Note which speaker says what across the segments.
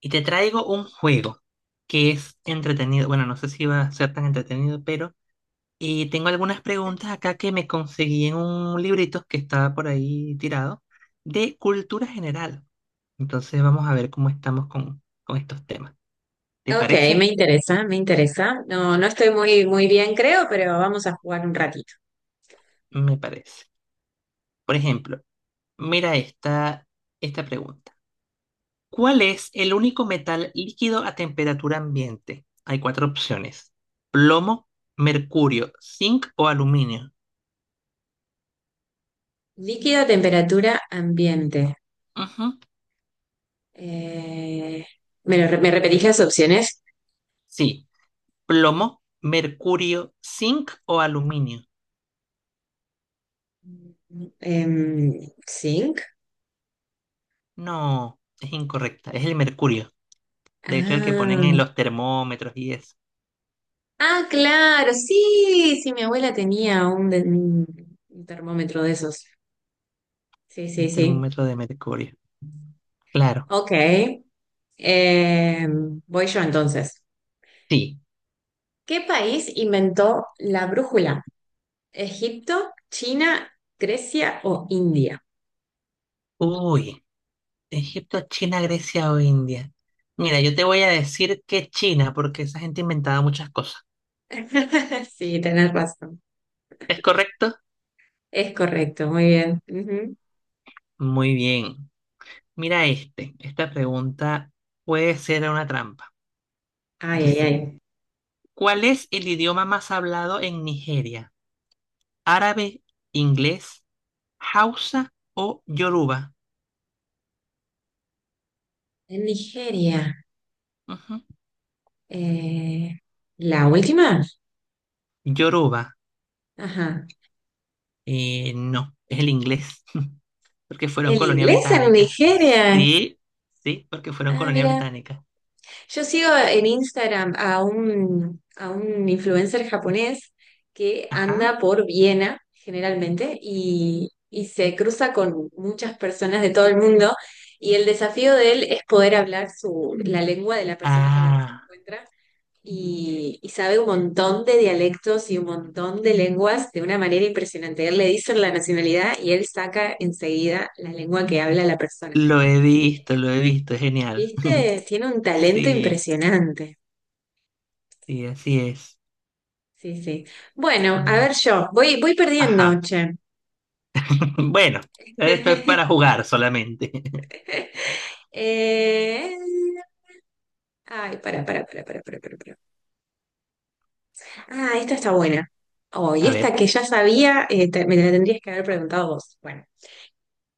Speaker 1: Y te traigo un juego que es entretenido. Bueno, no sé si va a ser tan entretenido, pero. Y tengo algunas preguntas acá que me conseguí en un librito que estaba por ahí tirado de cultura general. Entonces vamos a ver cómo estamos con estos temas. ¿Te
Speaker 2: Ok,
Speaker 1: parece?
Speaker 2: me interesa, me interesa. No, no estoy muy, muy bien, creo, pero vamos a jugar un ratito.
Speaker 1: Me parece. Por ejemplo, mira esta pregunta. ¿Cuál es el único metal líquido a temperatura ambiente? Hay cuatro opciones. Plomo, mercurio, zinc o aluminio.
Speaker 2: Líquido, temperatura, ambiente.
Speaker 1: Ujú.
Speaker 2: Eh, ¿Me repetís las opciones?
Speaker 1: Sí, plomo, mercurio, zinc o aluminio.
Speaker 2: Em, zinc.
Speaker 1: No, es incorrecta, es el mercurio. De hecho, el que ponen en
Speaker 2: Ah,
Speaker 1: los termómetros y eso.
Speaker 2: ah, claro, sí, sí, mi abuela tenía un termómetro de esos. Sí, sí,
Speaker 1: Un
Speaker 2: sí.
Speaker 1: termómetro de mercurio. Claro,
Speaker 2: Ok. Voy yo entonces.
Speaker 1: sí.
Speaker 2: ¿Qué país inventó la brújula? Egipto, China, Grecia o India.
Speaker 1: Uy, Egipto, China, Grecia o India. Mira, yo te voy a decir que China, porque esa gente inventaba muchas cosas.
Speaker 2: Sí, tenés razón.
Speaker 1: ¿Es correcto?
Speaker 2: Es correcto, muy bien. Ujú.
Speaker 1: Muy bien. Mira este. Esta pregunta puede ser una trampa.
Speaker 2: Ay, ay,
Speaker 1: Dice,
Speaker 2: ay.
Speaker 1: ¿cuál es el idioma más hablado en Nigeria? Árabe, inglés, hausa o yoruba.
Speaker 2: En Nigeria.
Speaker 1: Ujú.
Speaker 2: eh, ¿La última?
Speaker 1: Yoruba,
Speaker 2: Ajá.
Speaker 1: no, es el inglés, porque fueron
Speaker 2: ¿El
Speaker 1: colonia
Speaker 2: inglés en
Speaker 1: británica.
Speaker 2: Nigeria?
Speaker 1: Sí, sí, porque fueron
Speaker 2: Ah,
Speaker 1: colonia
Speaker 2: mira.
Speaker 1: británica.
Speaker 2: Yo sigo en Instagram a un influencer japonés que
Speaker 1: Ajá.
Speaker 2: anda por Viena generalmente y se cruza con muchas personas de todo el mundo y el desafío de él es poder hablar la lengua de la persona con la que se
Speaker 1: Ah,
Speaker 2: encuentra y sabe un montón de dialectos y un montón de lenguas de una manera impresionante. Él le dice la nacionalidad y él saca enseguida la lengua que habla la persona.
Speaker 1: lo he visto, es genial.
Speaker 2: ¿Viste? Tiene un talento
Speaker 1: Sí,
Speaker 2: impresionante.
Speaker 1: sí, así es.
Speaker 2: Sí, sí.
Speaker 1: A
Speaker 2: Bueno, a
Speaker 1: ver,
Speaker 2: ver yo. Voy perdiendo,
Speaker 1: ajá.
Speaker 2: che.
Speaker 1: Bueno, esto es para jugar solamente.
Speaker 2: Eh, Ay, para, para. Ah, esta está buena. Oh, y
Speaker 1: A
Speaker 2: esta
Speaker 1: ver,
Speaker 2: que ya sabía, me la tendrías que haber preguntado vos. Bueno,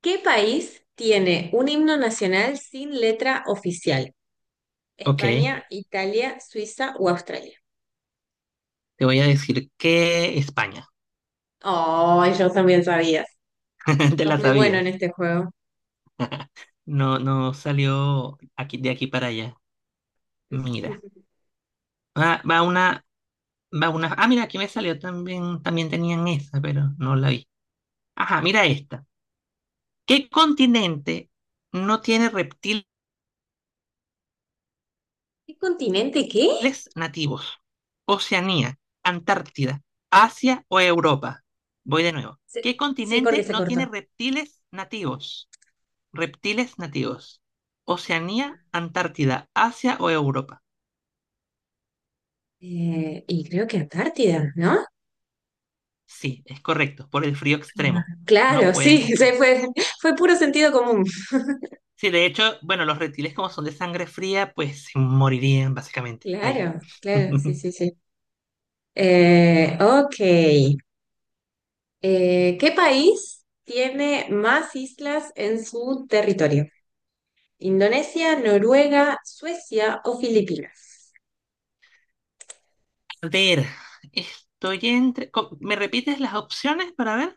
Speaker 2: ¿qué país tiene un himno nacional sin letra oficial?
Speaker 1: ok.
Speaker 2: ¿España, Italia, Suiza o Australia?
Speaker 1: Te voy a decir que España.
Speaker 2: Oh, yo también sabías.
Speaker 1: Te
Speaker 2: Sos
Speaker 1: la
Speaker 2: muy bueno en
Speaker 1: sabías.
Speaker 2: este juego.
Speaker 1: No, no salió aquí, de aquí para allá. Mira.
Speaker 2: ¿Qué
Speaker 1: Va una, va una. Ah, mira, aquí me salió también tenían esa, pero no la vi. Ajá, mira esta. ¿Qué continente no tiene reptiles
Speaker 2: continente qué?
Speaker 1: nativos? Oceanía, Antártida, Asia o Europa. Voy de nuevo.
Speaker 2: Se-
Speaker 1: ¿Qué
Speaker 2: Sí, porque
Speaker 1: continente
Speaker 2: se
Speaker 1: no tiene
Speaker 2: cortó.
Speaker 1: reptiles nativos? Reptiles nativos. Oceanía, Antártida, Asia o Europa.
Speaker 2: Y creo que Antártida, ¿no?
Speaker 1: Sí, es correcto, por el frío extremo. No
Speaker 2: Claro,
Speaker 1: pueden
Speaker 2: sí,
Speaker 1: estar.
Speaker 2: fue puro sentido común.
Speaker 1: Sí, de hecho, bueno, los reptiles como son de sangre fría, pues se morirían básicamente ahí.
Speaker 2: Claro, claro, sí, sí, sí. Ok. ¿Qué país tiene más islas en su territorio? ¿Indonesia, Noruega, Suecia o Filipinas?
Speaker 1: A ver, estoy ¿me repites las opciones para ver?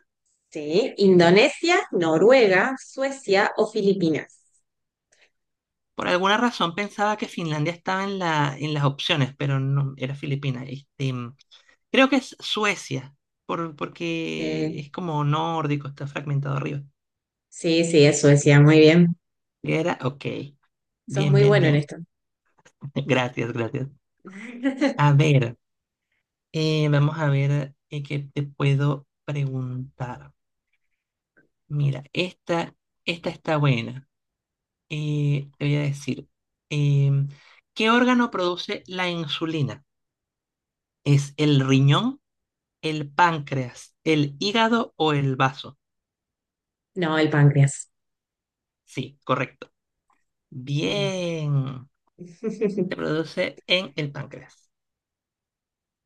Speaker 2: Sí, Indonesia, Noruega, Suecia o Filipinas.
Speaker 1: Por alguna razón pensaba que Finlandia estaba en las opciones, pero no, era Filipina. Este, creo que es Suecia,
Speaker 2: Eh,
Speaker 1: porque es como nórdico, está fragmentado arriba.
Speaker 2: sí, sí, es Suecia, muy bien.
Speaker 1: Era, ok.
Speaker 2: Sos
Speaker 1: Bien,
Speaker 2: muy
Speaker 1: bien,
Speaker 2: bueno en
Speaker 1: bien.
Speaker 2: esto.
Speaker 1: Gracias, gracias. A ver. Vamos a ver qué te puedo preguntar. Mira, esta está buena. Te voy a decir, em, ¿qué órgano produce la insulina? ¿Es el riñón, el páncreas, el hígado o el vaso?
Speaker 2: No, el páncreas.
Speaker 1: Sí, correcto.
Speaker 2: Mm.
Speaker 1: Bien. Se produce en el páncreas.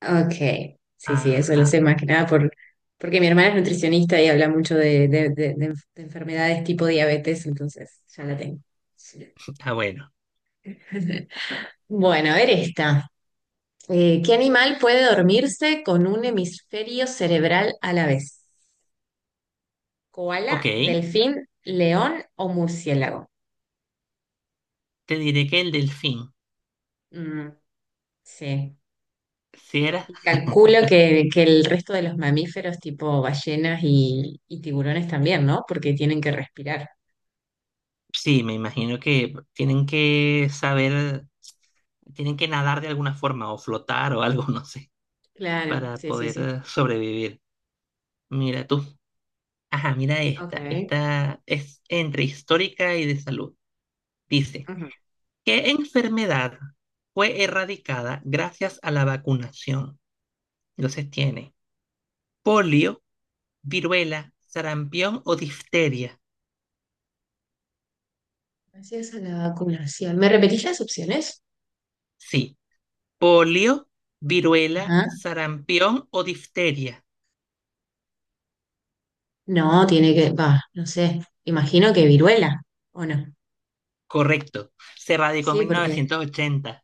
Speaker 2: Ok, sí, sí, eso lo
Speaker 1: Ajá.
Speaker 2: sé más que nada porque mi hermana es nutricionista y habla mucho de enfermedades tipo diabetes, entonces ya la tengo. Sí.
Speaker 1: Ah, bueno.
Speaker 2: Bueno, a ver esta. ¿Qué animal puede dormirse con un hemisferio cerebral a la vez? ¿Koala,
Speaker 1: Ok.
Speaker 2: delfín, león o murciélago?
Speaker 1: Te diré que el delfín.
Speaker 2: Mm, sí.
Speaker 1: Si era.
Speaker 2: Y calculo que el resto de los mamíferos tipo ballenas y tiburones también, ¿no? Porque tienen que respirar.
Speaker 1: Sí, me imagino que tienen que nadar de alguna forma o flotar o algo, no sé,
Speaker 2: Claro,
Speaker 1: para
Speaker 2: sí, sí,
Speaker 1: poder
Speaker 2: sí.
Speaker 1: sobrevivir. Mira tú. Ajá, mira esta.
Speaker 2: Ok.
Speaker 1: Esta es entre histórica y de salud. Dice,
Speaker 2: Ujú.
Speaker 1: ¿qué enfermedad fue erradicada gracias a la vacunación? Entonces tiene polio, viruela, sarampión o difteria.
Speaker 2: Gracias a la vacunación. ¿Me repetís las opciones?
Speaker 1: Sí, polio, viruela,
Speaker 2: Ajá.
Speaker 1: sarampión o difteria.
Speaker 2: No, tiene que, va, no sé. Imagino que viruela, ¿o no?
Speaker 1: Correcto, se radicó en
Speaker 2: Sí,
Speaker 1: mil
Speaker 2: porque,
Speaker 1: novecientos ochenta.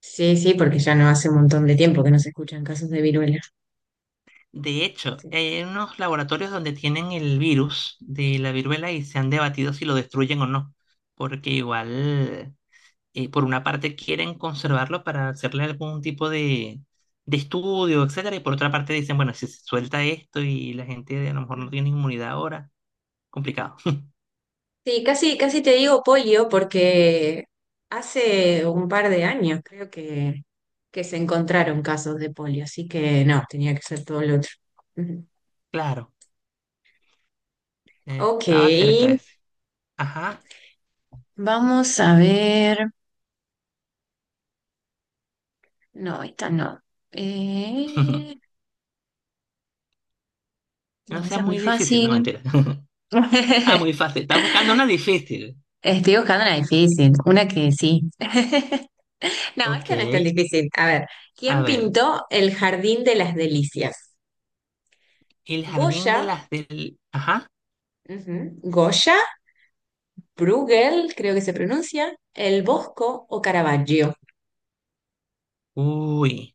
Speaker 2: sí, sí, porque ya no hace un montón de tiempo que no se escuchan casos de viruela.
Speaker 1: De hecho,
Speaker 2: Sí,
Speaker 1: hay unos laboratorios donde tienen el virus de la viruela y se han debatido si lo destruyen o no, porque igual, por una parte quieren conservarlo para hacerle algún tipo de estudio, etcétera, y por otra parte dicen, bueno, si se suelta esto y la gente a lo mejor no tiene inmunidad ahora, complicado.
Speaker 2: sí, casi, casi te digo polio porque hace un par de años creo que se encontraron casos de polio, así que no, tenía que ser todo lo otro. Ujú.
Speaker 1: Claro,
Speaker 2: Ok,
Speaker 1: estaba cerca ese. Ajá,
Speaker 2: vamos a ver. No, esta no. Eh,
Speaker 1: no
Speaker 2: no,
Speaker 1: sea
Speaker 2: esa es muy
Speaker 1: muy difícil, no
Speaker 2: fácil.
Speaker 1: mentira. Ah, muy fácil, estás buscando una difícil.
Speaker 2: Estoy buscando una difícil, una que sí. No,
Speaker 1: Ok,
Speaker 2: esta no es tan difícil. A ver,
Speaker 1: a
Speaker 2: ¿quién
Speaker 1: ver,
Speaker 2: pintó el Jardín de las Delicias?
Speaker 1: el jardín de
Speaker 2: Goya,
Speaker 1: las del. Ajá.
Speaker 2: ujú, Goya, Bruegel, creo que se pronuncia, El Bosco o Caravaggio.
Speaker 1: Uy,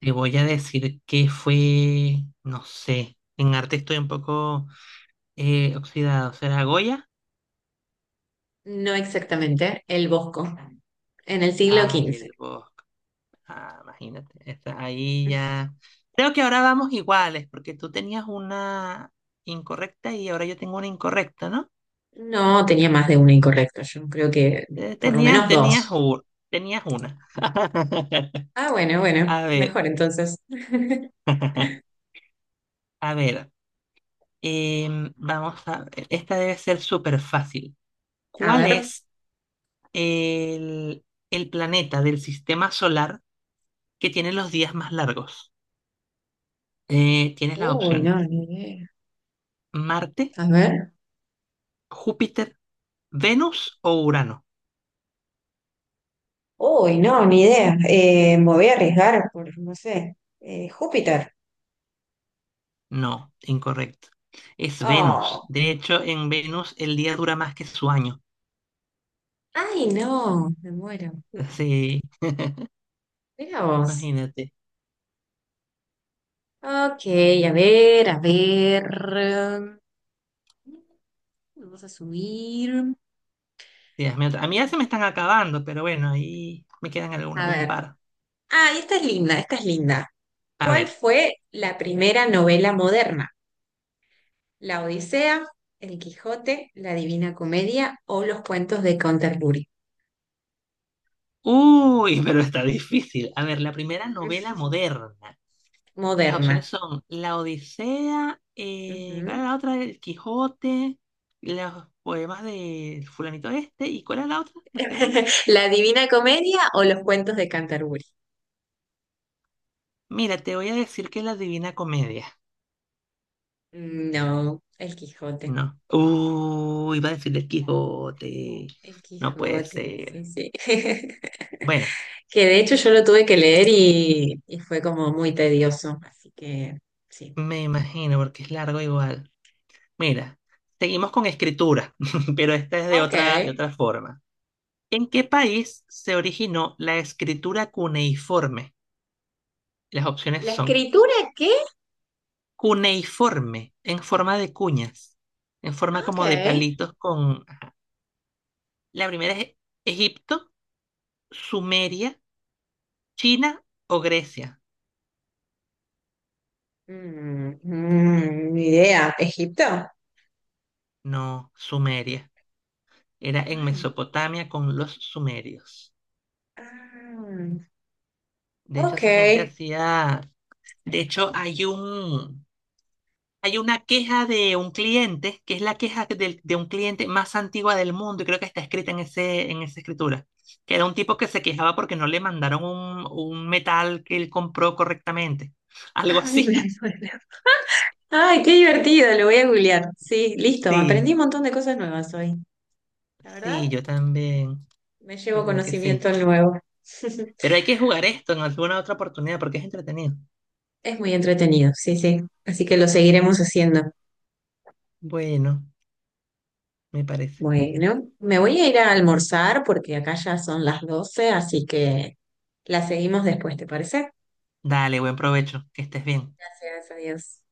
Speaker 1: te voy a decir que fue, no sé, en arte estoy un poco oxidado. ¿Será Goya?
Speaker 2: No exactamente, El Bosco, en el siglo
Speaker 1: Ay,
Speaker 2: XV.
Speaker 1: el bosque. Ah, imagínate, está ahí ya. Creo que ahora vamos iguales, porque tú tenías una incorrecta y ahora yo tengo una incorrecta, ¿no?
Speaker 2: No tenía más de uno incorrecto, yo creo que
Speaker 1: Eh,
Speaker 2: por lo
Speaker 1: tenías,
Speaker 2: menos
Speaker 1: tenías,
Speaker 2: dos.
Speaker 1: u- tenías una.
Speaker 2: Ah, bueno, bueno,
Speaker 1: A ver,
Speaker 2: mejor entonces.
Speaker 1: a ver. Em, vamos a ver, esta debe ser súper fácil.
Speaker 2: A
Speaker 1: ¿Cuál
Speaker 2: ver.
Speaker 1: es el planeta del sistema solar que tiene los días más largos? Tienes las
Speaker 2: Uy,
Speaker 1: opciones.
Speaker 2: no, ni idea.
Speaker 1: ¿Marte,
Speaker 2: A ver.
Speaker 1: Júpiter, Venus o Urano?
Speaker 2: Uy, no, ni idea. Me voy a arriesgar por, no sé, Júpiter.
Speaker 1: No, incorrecto. Es Venus.
Speaker 2: Oh.
Speaker 1: De hecho, en Venus el día dura más que su año.
Speaker 2: Ay, no, me muero.
Speaker 1: Sí,
Speaker 2: Mira vos.
Speaker 1: imagínate.
Speaker 2: Ok, a ver, a ver. Mm, Vamos a subir.
Speaker 1: Sí, hazme otra. A mí ya se me están acabando, pero bueno, ahí me quedan
Speaker 2: A
Speaker 1: un
Speaker 2: ver.
Speaker 1: par.
Speaker 2: Ah, esta es linda, esta es linda.
Speaker 1: A
Speaker 2: ¿Cuál
Speaker 1: ver.
Speaker 2: fue la primera novela moderna? ¿La Odisea, El Quijote, La Divina Comedia o los cuentos de Canterbury?
Speaker 1: Uy, pero está difícil. A ver, la primera novela moderna. Y las opciones
Speaker 2: Moderna.
Speaker 1: son La Odisea, ¿cuál era
Speaker 2: Ujú.
Speaker 1: la otra? El Quijote, los poemas de fulanito este. ¿Y cuál era la otra? La segunda.
Speaker 2: ¿La Divina Comedia o los cuentos de Canterbury?
Speaker 1: Mira, te voy a decir que es la Divina Comedia.
Speaker 2: No, el Quijote.
Speaker 1: No. Uy, iba a decir el Quijote.
Speaker 2: El
Speaker 1: No puede
Speaker 2: Quijote, sí,
Speaker 1: ser.
Speaker 2: sí.
Speaker 1: Bueno,
Speaker 2: Que de hecho yo lo tuve que leer y fue como muy tedioso, así que sí.
Speaker 1: me imagino porque es largo igual. Mira, seguimos con escritura, pero esta es de
Speaker 2: Ok.
Speaker 1: otra, de otra forma. ¿En qué país se originó la escritura cuneiforme? Las opciones
Speaker 2: ¿La
Speaker 1: son
Speaker 2: escritura qué?
Speaker 1: cuneiforme, en forma de cuñas, en forma
Speaker 2: Ok.
Speaker 1: como de palitos con. Ajá. La primera es Egipto, Sumeria, China o Grecia.
Speaker 2: Mm, mm, ni idea. ¿Egipto?
Speaker 1: No, Sumeria. Era en
Speaker 2: Ay.
Speaker 1: Mesopotamia con los sumerios.
Speaker 2: Ah,
Speaker 1: De hecho,
Speaker 2: ok.
Speaker 1: esa gente
Speaker 2: Ay,
Speaker 1: hacía. De hecho, hay un. Hay una queja de un cliente, que es la queja un cliente más antigua del mundo, y creo que está escrita en ese, en esa escritura, que era un tipo que se quejaba porque no le mandaron un metal que él compró correctamente. Algo
Speaker 2: me
Speaker 1: así.
Speaker 2: acuerdo. Ay, qué divertido, lo voy a googlear. Sí, listo, aprendí
Speaker 1: Sí,
Speaker 2: un montón de cosas nuevas hoy. La
Speaker 1: sí,
Speaker 2: verdad,
Speaker 1: yo también,
Speaker 2: me llevo
Speaker 1: ¿verdad que sí?
Speaker 2: conocimiento nuevo.
Speaker 1: Pero hay que jugar esto en alguna otra oportunidad porque es entretenido.
Speaker 2: Es muy entretenido, sí, sí. Así que lo seguiremos haciendo.
Speaker 1: Bueno, me parece.
Speaker 2: Bueno, me voy a ir a almorzar porque acá ya son las 12:00, así que la seguimos después, ¿te parece?
Speaker 1: Dale, buen provecho, que estés bien.
Speaker 2: Gracias, adiós.